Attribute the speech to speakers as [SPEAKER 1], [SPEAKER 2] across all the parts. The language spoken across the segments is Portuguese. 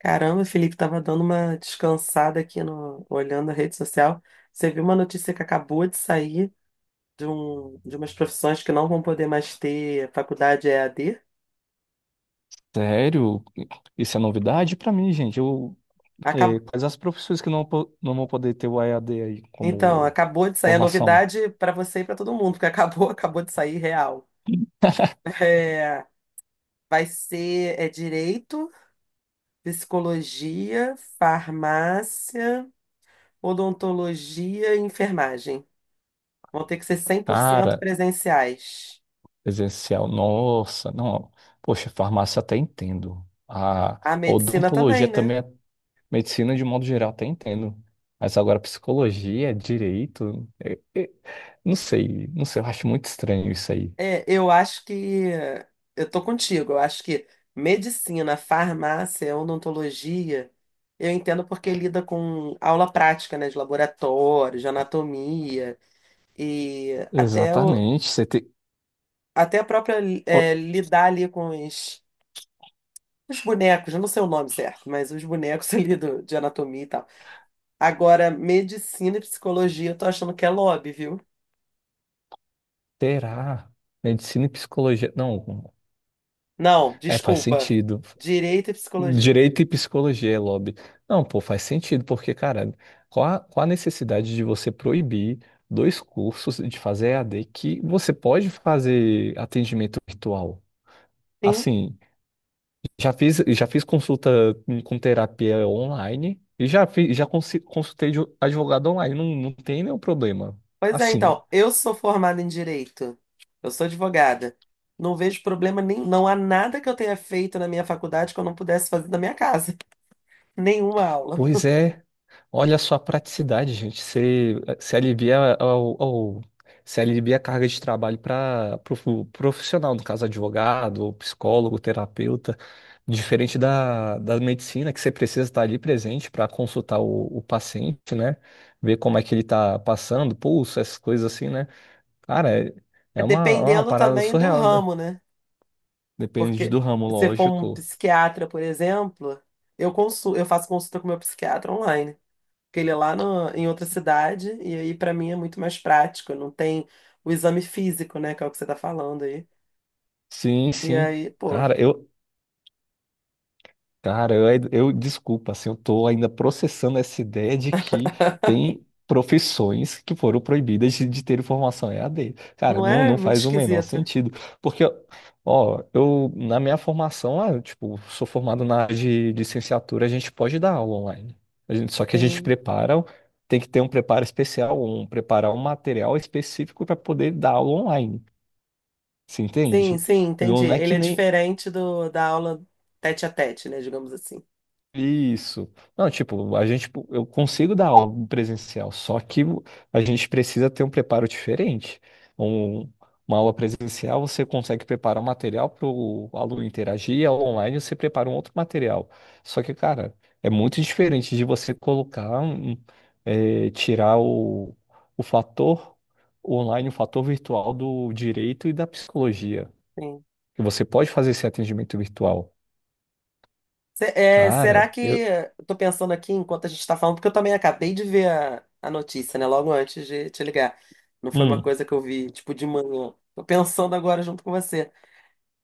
[SPEAKER 1] Caramba, o Felipe, estava dando uma descansada aqui no, olhando a rede social. Você viu uma notícia que acabou de sair de umas profissões que não vão poder mais ter faculdade EAD?
[SPEAKER 2] Sério? Isso é novidade pra mim, gente.
[SPEAKER 1] Acab-
[SPEAKER 2] Quais as profissões que não vão poder ter o EAD aí
[SPEAKER 1] Então,
[SPEAKER 2] como
[SPEAKER 1] acabou de sair a
[SPEAKER 2] formação?
[SPEAKER 1] novidade para você e para todo mundo, porque acabou, acabou de sair real. É, vai ser é direito, psicologia, farmácia, odontologia e enfermagem. Vão ter que ser 100%
[SPEAKER 2] Cara,
[SPEAKER 1] presenciais.
[SPEAKER 2] presencial, nossa, não. Poxa, farmácia até entendo. A
[SPEAKER 1] A medicina
[SPEAKER 2] odontologia
[SPEAKER 1] também, né?
[SPEAKER 2] também, medicina de modo geral até entendo. Mas agora psicologia, direito, não sei, eu acho muito estranho isso aí.
[SPEAKER 1] É, eu acho que eh, eu tô contigo. Eu acho que medicina, farmácia, odontologia, eu entendo porque lida com aula prática, né, de laboratório, de anatomia e
[SPEAKER 2] Exatamente,
[SPEAKER 1] até a própria
[SPEAKER 2] o-
[SPEAKER 1] lidar ali com os bonecos. Eu não sei o nome certo, mas os bonecos ali de anatomia e tal. Agora, medicina e psicologia, eu tô achando que é lobby, viu?
[SPEAKER 2] terá medicina e psicologia. Não,
[SPEAKER 1] Não,
[SPEAKER 2] é, faz
[SPEAKER 1] desculpa.
[SPEAKER 2] sentido.
[SPEAKER 1] Direito e psicologia.
[SPEAKER 2] Direito e psicologia é lobby. Não, pô, faz sentido, porque, cara, qual a necessidade de você proibir dois cursos de fazer E a d que você pode fazer atendimento virtual?
[SPEAKER 1] Sim.
[SPEAKER 2] Assim, já fiz consulta com terapia online e já, fiz, já consi- consultei de advogado online, não tem nenhum problema.
[SPEAKER 1] Pois é,
[SPEAKER 2] Assim,
[SPEAKER 1] então, eu sou formada em direito, eu sou advogada. Não vejo problema nenhum, não há nada que eu tenha feito na minha faculdade que eu não pudesse fazer na minha casa. Nenhuma aula.
[SPEAKER 2] pois é. Olha só a praticidade, gente. Você se alivia ao, ao, se alivia a carga de trabalho para o profissional, no caso, advogado, ou psicólogo, terapeuta, diferente da medicina, que você precisa estar ali presente para consultar o paciente, né? Ver como é que ele está passando, pulso, essas coisas assim, né? Cara, é, é uma
[SPEAKER 1] Dependendo
[SPEAKER 2] parada
[SPEAKER 1] também do
[SPEAKER 2] surreal, né?
[SPEAKER 1] ramo, né?
[SPEAKER 2] Depende
[SPEAKER 1] Porque
[SPEAKER 2] do ramo,
[SPEAKER 1] se for um
[SPEAKER 2] lógico.
[SPEAKER 1] psiquiatra, por exemplo, eu faço consulta com meu psiquiatra online, porque ele é lá em outra cidade e aí para mim é muito mais prático, não tem o exame físico, né, que é o que você tá falando aí.
[SPEAKER 2] Sim,
[SPEAKER 1] E
[SPEAKER 2] sim.
[SPEAKER 1] aí, pô,
[SPEAKER 2] Cara, eu, Cara, eu desculpa, assim, eu tô ainda processando essa ideia de que tem profissões que foram proibidas de ter formação EAD. Cara,
[SPEAKER 1] não é
[SPEAKER 2] não
[SPEAKER 1] muito
[SPEAKER 2] faz o menor
[SPEAKER 1] esquisito.
[SPEAKER 2] sentido. Porque, ó, eu, na minha formação, ah, eu, tipo, sou formado na área de licenciatura, a gente pode dar aula online. Só que a gente
[SPEAKER 1] Sim.
[SPEAKER 2] prepara, tem que ter um preparo especial, um, preparar um material específico para poder dar aula online. Você
[SPEAKER 1] Sim,
[SPEAKER 2] entende?
[SPEAKER 1] sim, entendi.
[SPEAKER 2] Não é
[SPEAKER 1] Ele
[SPEAKER 2] que
[SPEAKER 1] é
[SPEAKER 2] nem.
[SPEAKER 1] diferente da aula tete a tete, né? Digamos assim.
[SPEAKER 2] Isso. Não, tipo, eu consigo dar algo presencial, só que a gente precisa ter um preparo diferente. Um- uma aula presencial, você consegue preparar um material para o aluno interagir, e a online você prepara um outro material. Só que, cara, é muito diferente de você colocar, um- é, tirar o fator online, o fator virtual do direito e da psicologia.
[SPEAKER 1] Sim.
[SPEAKER 2] Que você pode fazer esse atendimento virtual.
[SPEAKER 1] Se- é,
[SPEAKER 2] Cara,
[SPEAKER 1] será que.
[SPEAKER 2] eu.
[SPEAKER 1] Eu tô pensando aqui enquanto a gente tá falando, porque eu também acabei de ver a notícia, né? Logo antes de te ligar. Não foi uma
[SPEAKER 2] Hum.
[SPEAKER 1] coisa que eu vi, tipo, de manhã. Tô pensando agora junto com você.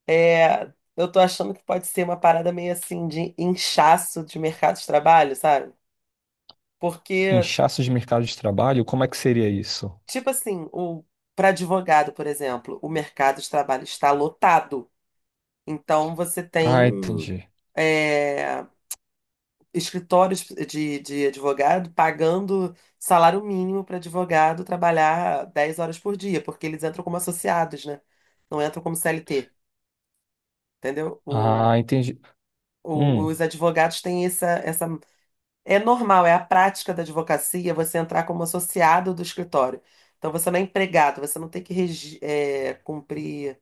[SPEAKER 1] É, eu tô achando que pode ser uma parada meio assim de inchaço de mercado de trabalho, sabe? Porque,
[SPEAKER 2] Inchaço de mercado de trabalho? Como é que seria isso?
[SPEAKER 1] tipo assim, para advogado, por exemplo, o mercado de trabalho está lotado. Então, você
[SPEAKER 2] Ah,
[SPEAKER 1] tem
[SPEAKER 2] entendi.
[SPEAKER 1] é, escritórios de advogado pagando salário mínimo para advogado trabalhar 10 horas por dia, porque eles entram como associados, né? Não entram como CLT, entendeu? O,
[SPEAKER 2] Ah, entendi.
[SPEAKER 1] o-
[SPEAKER 2] Hum,
[SPEAKER 1] os advogados têm essa. É normal, é a prática da advocacia você entrar como associado do escritório. Então você não é empregado, você não tem que cumprir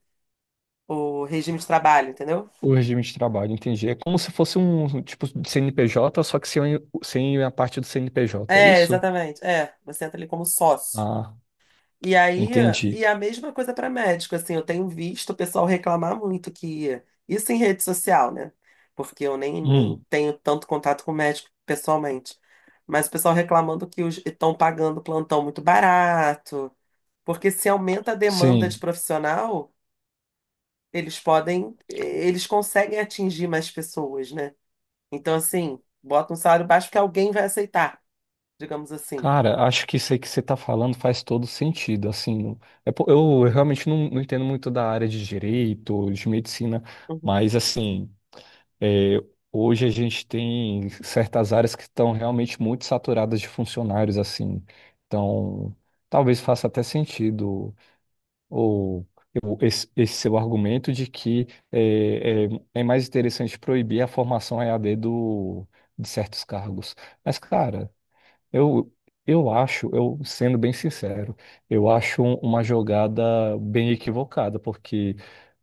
[SPEAKER 1] o regime de trabalho, entendeu?
[SPEAKER 2] o regime de trabalho, entendi. É como se fosse um tipo de CNPJ, só que sem, sem a parte do CNPJ, é
[SPEAKER 1] É,
[SPEAKER 2] isso?
[SPEAKER 1] exatamente. É, você entra ali como sócio.
[SPEAKER 2] Ah,
[SPEAKER 1] E aí,
[SPEAKER 2] entendi.
[SPEAKER 1] e a mesma coisa para médico, assim, eu tenho visto o pessoal reclamar muito que isso em rede social, né? Porque eu nem, nem
[SPEAKER 2] Hum,
[SPEAKER 1] tenho tanto contato com médico pessoalmente. Mas o pessoal reclamando que os estão pagando plantão muito barato, porque se aumenta a demanda de
[SPEAKER 2] sim.
[SPEAKER 1] profissional, eles conseguem atingir mais pessoas, né? Então, assim, bota um salário baixo que alguém vai aceitar, digamos assim.
[SPEAKER 2] Cara, acho que isso aí que você tá falando faz todo sentido, assim, é po- eu, eu realmente não entendo muito da área de direito, de medicina, mas, assim, é, hoje a gente tem certas áreas que estão realmente muito saturadas de funcionários, assim. Então, talvez faça até sentido ou esse seu argumento de que é, é- é mais interessante proibir a formação EAD do, de certos cargos. Mas, cara, eu, eu sendo bem sincero, eu acho uma jogada bem equivocada, porque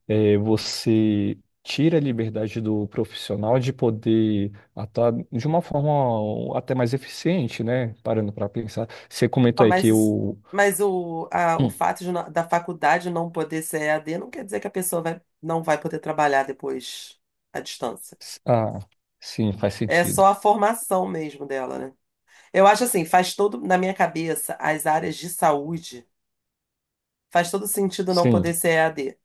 [SPEAKER 2] é, você tira a liberdade do profissional de poder atuar de uma forma até mais eficiente, né? Parando para pensar. Você comentou
[SPEAKER 1] Ah,
[SPEAKER 2] aí
[SPEAKER 1] Mas,
[SPEAKER 2] que
[SPEAKER 1] isso-
[SPEAKER 2] o.
[SPEAKER 1] mas o, a- o
[SPEAKER 2] Hum,
[SPEAKER 1] fato de da faculdade não poder ser EAD não quer dizer que a pessoa não vai poder trabalhar depois à distância.
[SPEAKER 2] s- ah, sim, faz
[SPEAKER 1] É só
[SPEAKER 2] sentido.
[SPEAKER 1] a formação mesmo dela, né? Eu acho assim, faz todo, na minha cabeça, as áreas de saúde, faz todo sentido não
[SPEAKER 2] Sim,
[SPEAKER 1] poder ser EAD.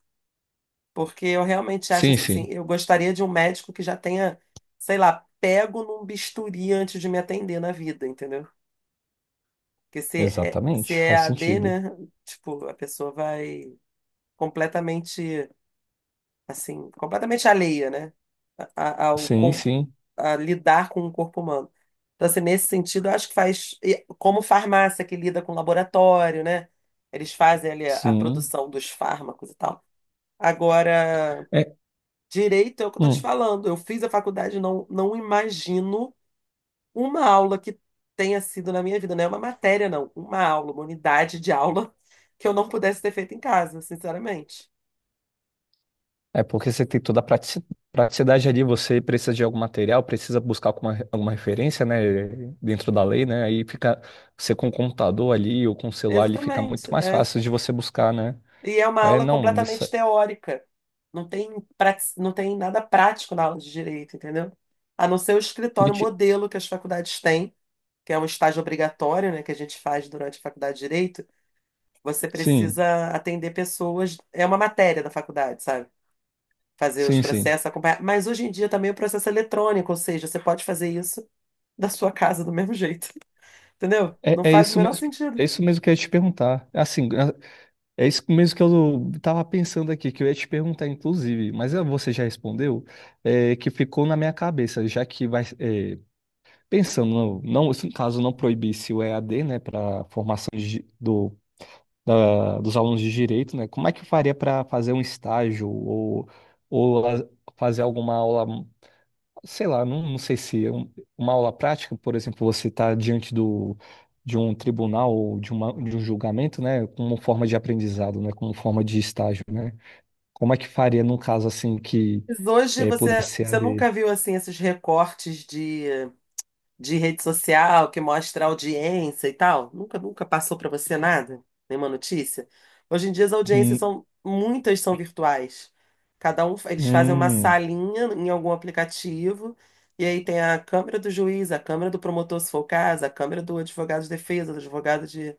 [SPEAKER 1] Porque eu realmente acho
[SPEAKER 2] sim,
[SPEAKER 1] assim,
[SPEAKER 2] sim.
[SPEAKER 1] eu gostaria de um médico que já tenha, sei lá, pego num bisturi antes de me atender na vida, entendeu? Porque se é, se
[SPEAKER 2] Exatamente,
[SPEAKER 1] é
[SPEAKER 2] faz
[SPEAKER 1] EAD, né?
[SPEAKER 2] sentido.
[SPEAKER 1] Tipo, a pessoa vai completamente, assim, completamente alheia, né? A, a- ao,
[SPEAKER 2] Sim,
[SPEAKER 1] com,
[SPEAKER 2] sim,
[SPEAKER 1] a lidar com o corpo humano. Então, assim, nesse sentido, eu acho que faz, e como farmácia que lida com laboratório, né? Eles fazem ali a
[SPEAKER 2] sim.
[SPEAKER 1] produção dos fármacos e tal. Agora,
[SPEAKER 2] É,
[SPEAKER 1] direito é o que eu tô te
[SPEAKER 2] hum.
[SPEAKER 1] falando. Eu fiz a faculdade, não imagino uma aula que tenha sido na minha vida, não é uma matéria, não, uma aula, uma unidade de aula que eu não pudesse ter feito em casa, sinceramente.
[SPEAKER 2] É porque você tem toda a praticidade ali, você precisa de algum material, precisa buscar alguma referência, né, dentro da lei, né, aí fica, você com o computador ali ou com o celular ali fica muito
[SPEAKER 1] Exatamente.
[SPEAKER 2] mais
[SPEAKER 1] É.
[SPEAKER 2] fácil de você buscar, né.
[SPEAKER 1] E é uma
[SPEAKER 2] É,
[SPEAKER 1] aula
[SPEAKER 2] não, isso,
[SPEAKER 1] completamente teórica. Não tem, não tem nada prático na aula de direito, entendeu? A não ser o escritório
[SPEAKER 2] niti-
[SPEAKER 1] modelo que as faculdades têm, que é um estágio obrigatório, né, que a gente faz durante a faculdade de direito. Você
[SPEAKER 2] sim,
[SPEAKER 1] precisa atender pessoas, é uma matéria da faculdade, sabe? Fazer os
[SPEAKER 2] sim, sim,
[SPEAKER 1] processos, acompanhar. Mas hoje em dia também o processo é eletrônico, ou seja, você pode fazer isso da sua casa do mesmo jeito, entendeu?
[SPEAKER 2] é,
[SPEAKER 1] Não faz o menor sentido.
[SPEAKER 2] é isso mesmo que eu ia te perguntar, assim, é isso mesmo que eu tava pensando aqui, que eu ia te perguntar, inclusive, mas você já respondeu, é, que ficou na minha cabeça, já que vai, pensando, não, se no caso não proibisse o EAD, né, para formação de di- do, da- dos alunos de direito, né, como é que eu faria para fazer um estágio ou fazer alguma aula, sei lá, não sei se é uma aula prática, por exemplo, você está diante do, de um tribunal ou de um julgamento, né, como forma de aprendizado, né, como forma de estágio, né? Como é que faria num caso assim que
[SPEAKER 1] Mas hoje
[SPEAKER 2] é,
[SPEAKER 1] você,
[SPEAKER 2] pudesse ser
[SPEAKER 1] você nunca
[SPEAKER 2] EAD?
[SPEAKER 1] viu assim esses recortes de rede social que mostra audiência e tal? Nunca, nunca passou para você nada? Nenhuma notícia? Hoje em dia as audiências
[SPEAKER 2] Hum,
[SPEAKER 1] muitas são virtuais. Cada um, eles fazem uma
[SPEAKER 2] hum,
[SPEAKER 1] salinha em algum aplicativo e aí tem a câmera do juiz, a câmera do promotor, se for o caso, a câmera do advogado de defesa, do advogado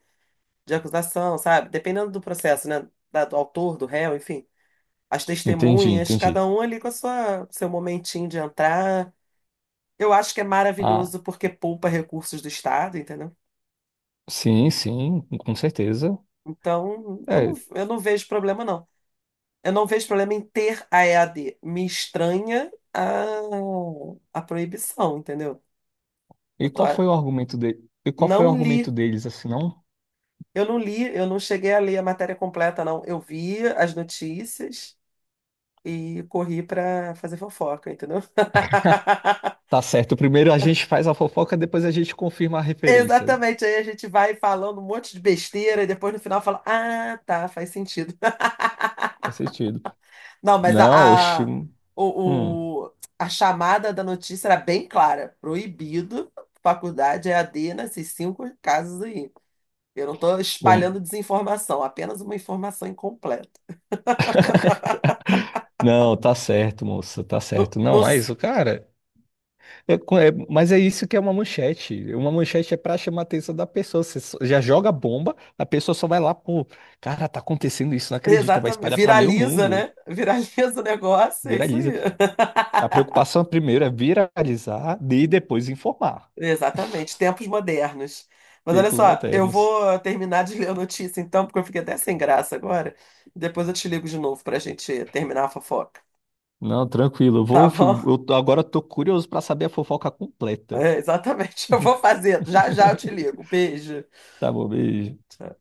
[SPEAKER 1] de acusação, sabe? Dependendo do processo, né? Do autor, do réu, enfim. As
[SPEAKER 2] entendi,
[SPEAKER 1] testemunhas,
[SPEAKER 2] entendi.
[SPEAKER 1] cada um ali com seu momentinho de entrar. Eu acho que é
[SPEAKER 2] Ah,
[SPEAKER 1] maravilhoso porque poupa recursos do Estado, entendeu?
[SPEAKER 2] sim, sim, com certeza.
[SPEAKER 1] Então,
[SPEAKER 2] É,
[SPEAKER 1] eu não vejo problema, não. Eu não vejo problema em ter a EAD. Me estranha a proibição, entendeu?
[SPEAKER 2] e
[SPEAKER 1] Eu tô,
[SPEAKER 2] qual foi o argumento de? E qual foi o
[SPEAKER 1] não
[SPEAKER 2] argumento
[SPEAKER 1] li,
[SPEAKER 2] deles, assim, não?
[SPEAKER 1] eu não li, eu não cheguei a ler a matéria completa, não. Eu vi as notícias e corri para fazer fofoca, entendeu?
[SPEAKER 2] Tá certo, primeiro a gente faz a fofoca, depois a gente confirma a referência.
[SPEAKER 1] Exatamente, aí a gente vai falando um monte de besteira e depois no final fala: Ah, tá, faz sentido.
[SPEAKER 2] Faz sentido.
[SPEAKER 1] Não, mas
[SPEAKER 2] Não, oxi. Hum,
[SPEAKER 1] a chamada da notícia era bem clara. Proibido, faculdade EAD nesses cinco casos aí. Eu não estou
[SPEAKER 2] bom.
[SPEAKER 1] espalhando desinformação, apenas uma informação incompleta.
[SPEAKER 2] Não, tá certo, moça, tá
[SPEAKER 1] No,
[SPEAKER 2] certo. Não,
[SPEAKER 1] no-
[SPEAKER 2] mas o cara. Mas é isso que é uma manchete. Uma manchete é pra chamar a atenção da pessoa. Já joga a bomba, a pessoa só vai lá, pô, cara, tá acontecendo isso, não acredita, vai
[SPEAKER 1] exatamente.
[SPEAKER 2] espalhar pra meio
[SPEAKER 1] Viraliza,
[SPEAKER 2] mundo.
[SPEAKER 1] né? Viraliza o negócio, é isso
[SPEAKER 2] Viraliza.
[SPEAKER 1] aí.
[SPEAKER 2] A preocupação primeiro é viralizar e depois informar.
[SPEAKER 1] Exatamente, tempos modernos. Mas olha
[SPEAKER 2] Tempos
[SPEAKER 1] só, eu
[SPEAKER 2] modernos.
[SPEAKER 1] vou terminar de ler a notícia então, porque eu fiquei até sem graça agora. Depois eu te ligo de novo para a gente terminar a fofoca.
[SPEAKER 2] Não, tranquilo. Eu
[SPEAKER 1] Tá
[SPEAKER 2] vou,
[SPEAKER 1] bom?
[SPEAKER 2] eu tô- Agora eu tô curioso para saber a fofoca completa.
[SPEAKER 1] É, exatamente. Eu vou fazer. Já já eu te ligo. Beijo.
[SPEAKER 2] Tá bom, beijo.
[SPEAKER 1] Tchau.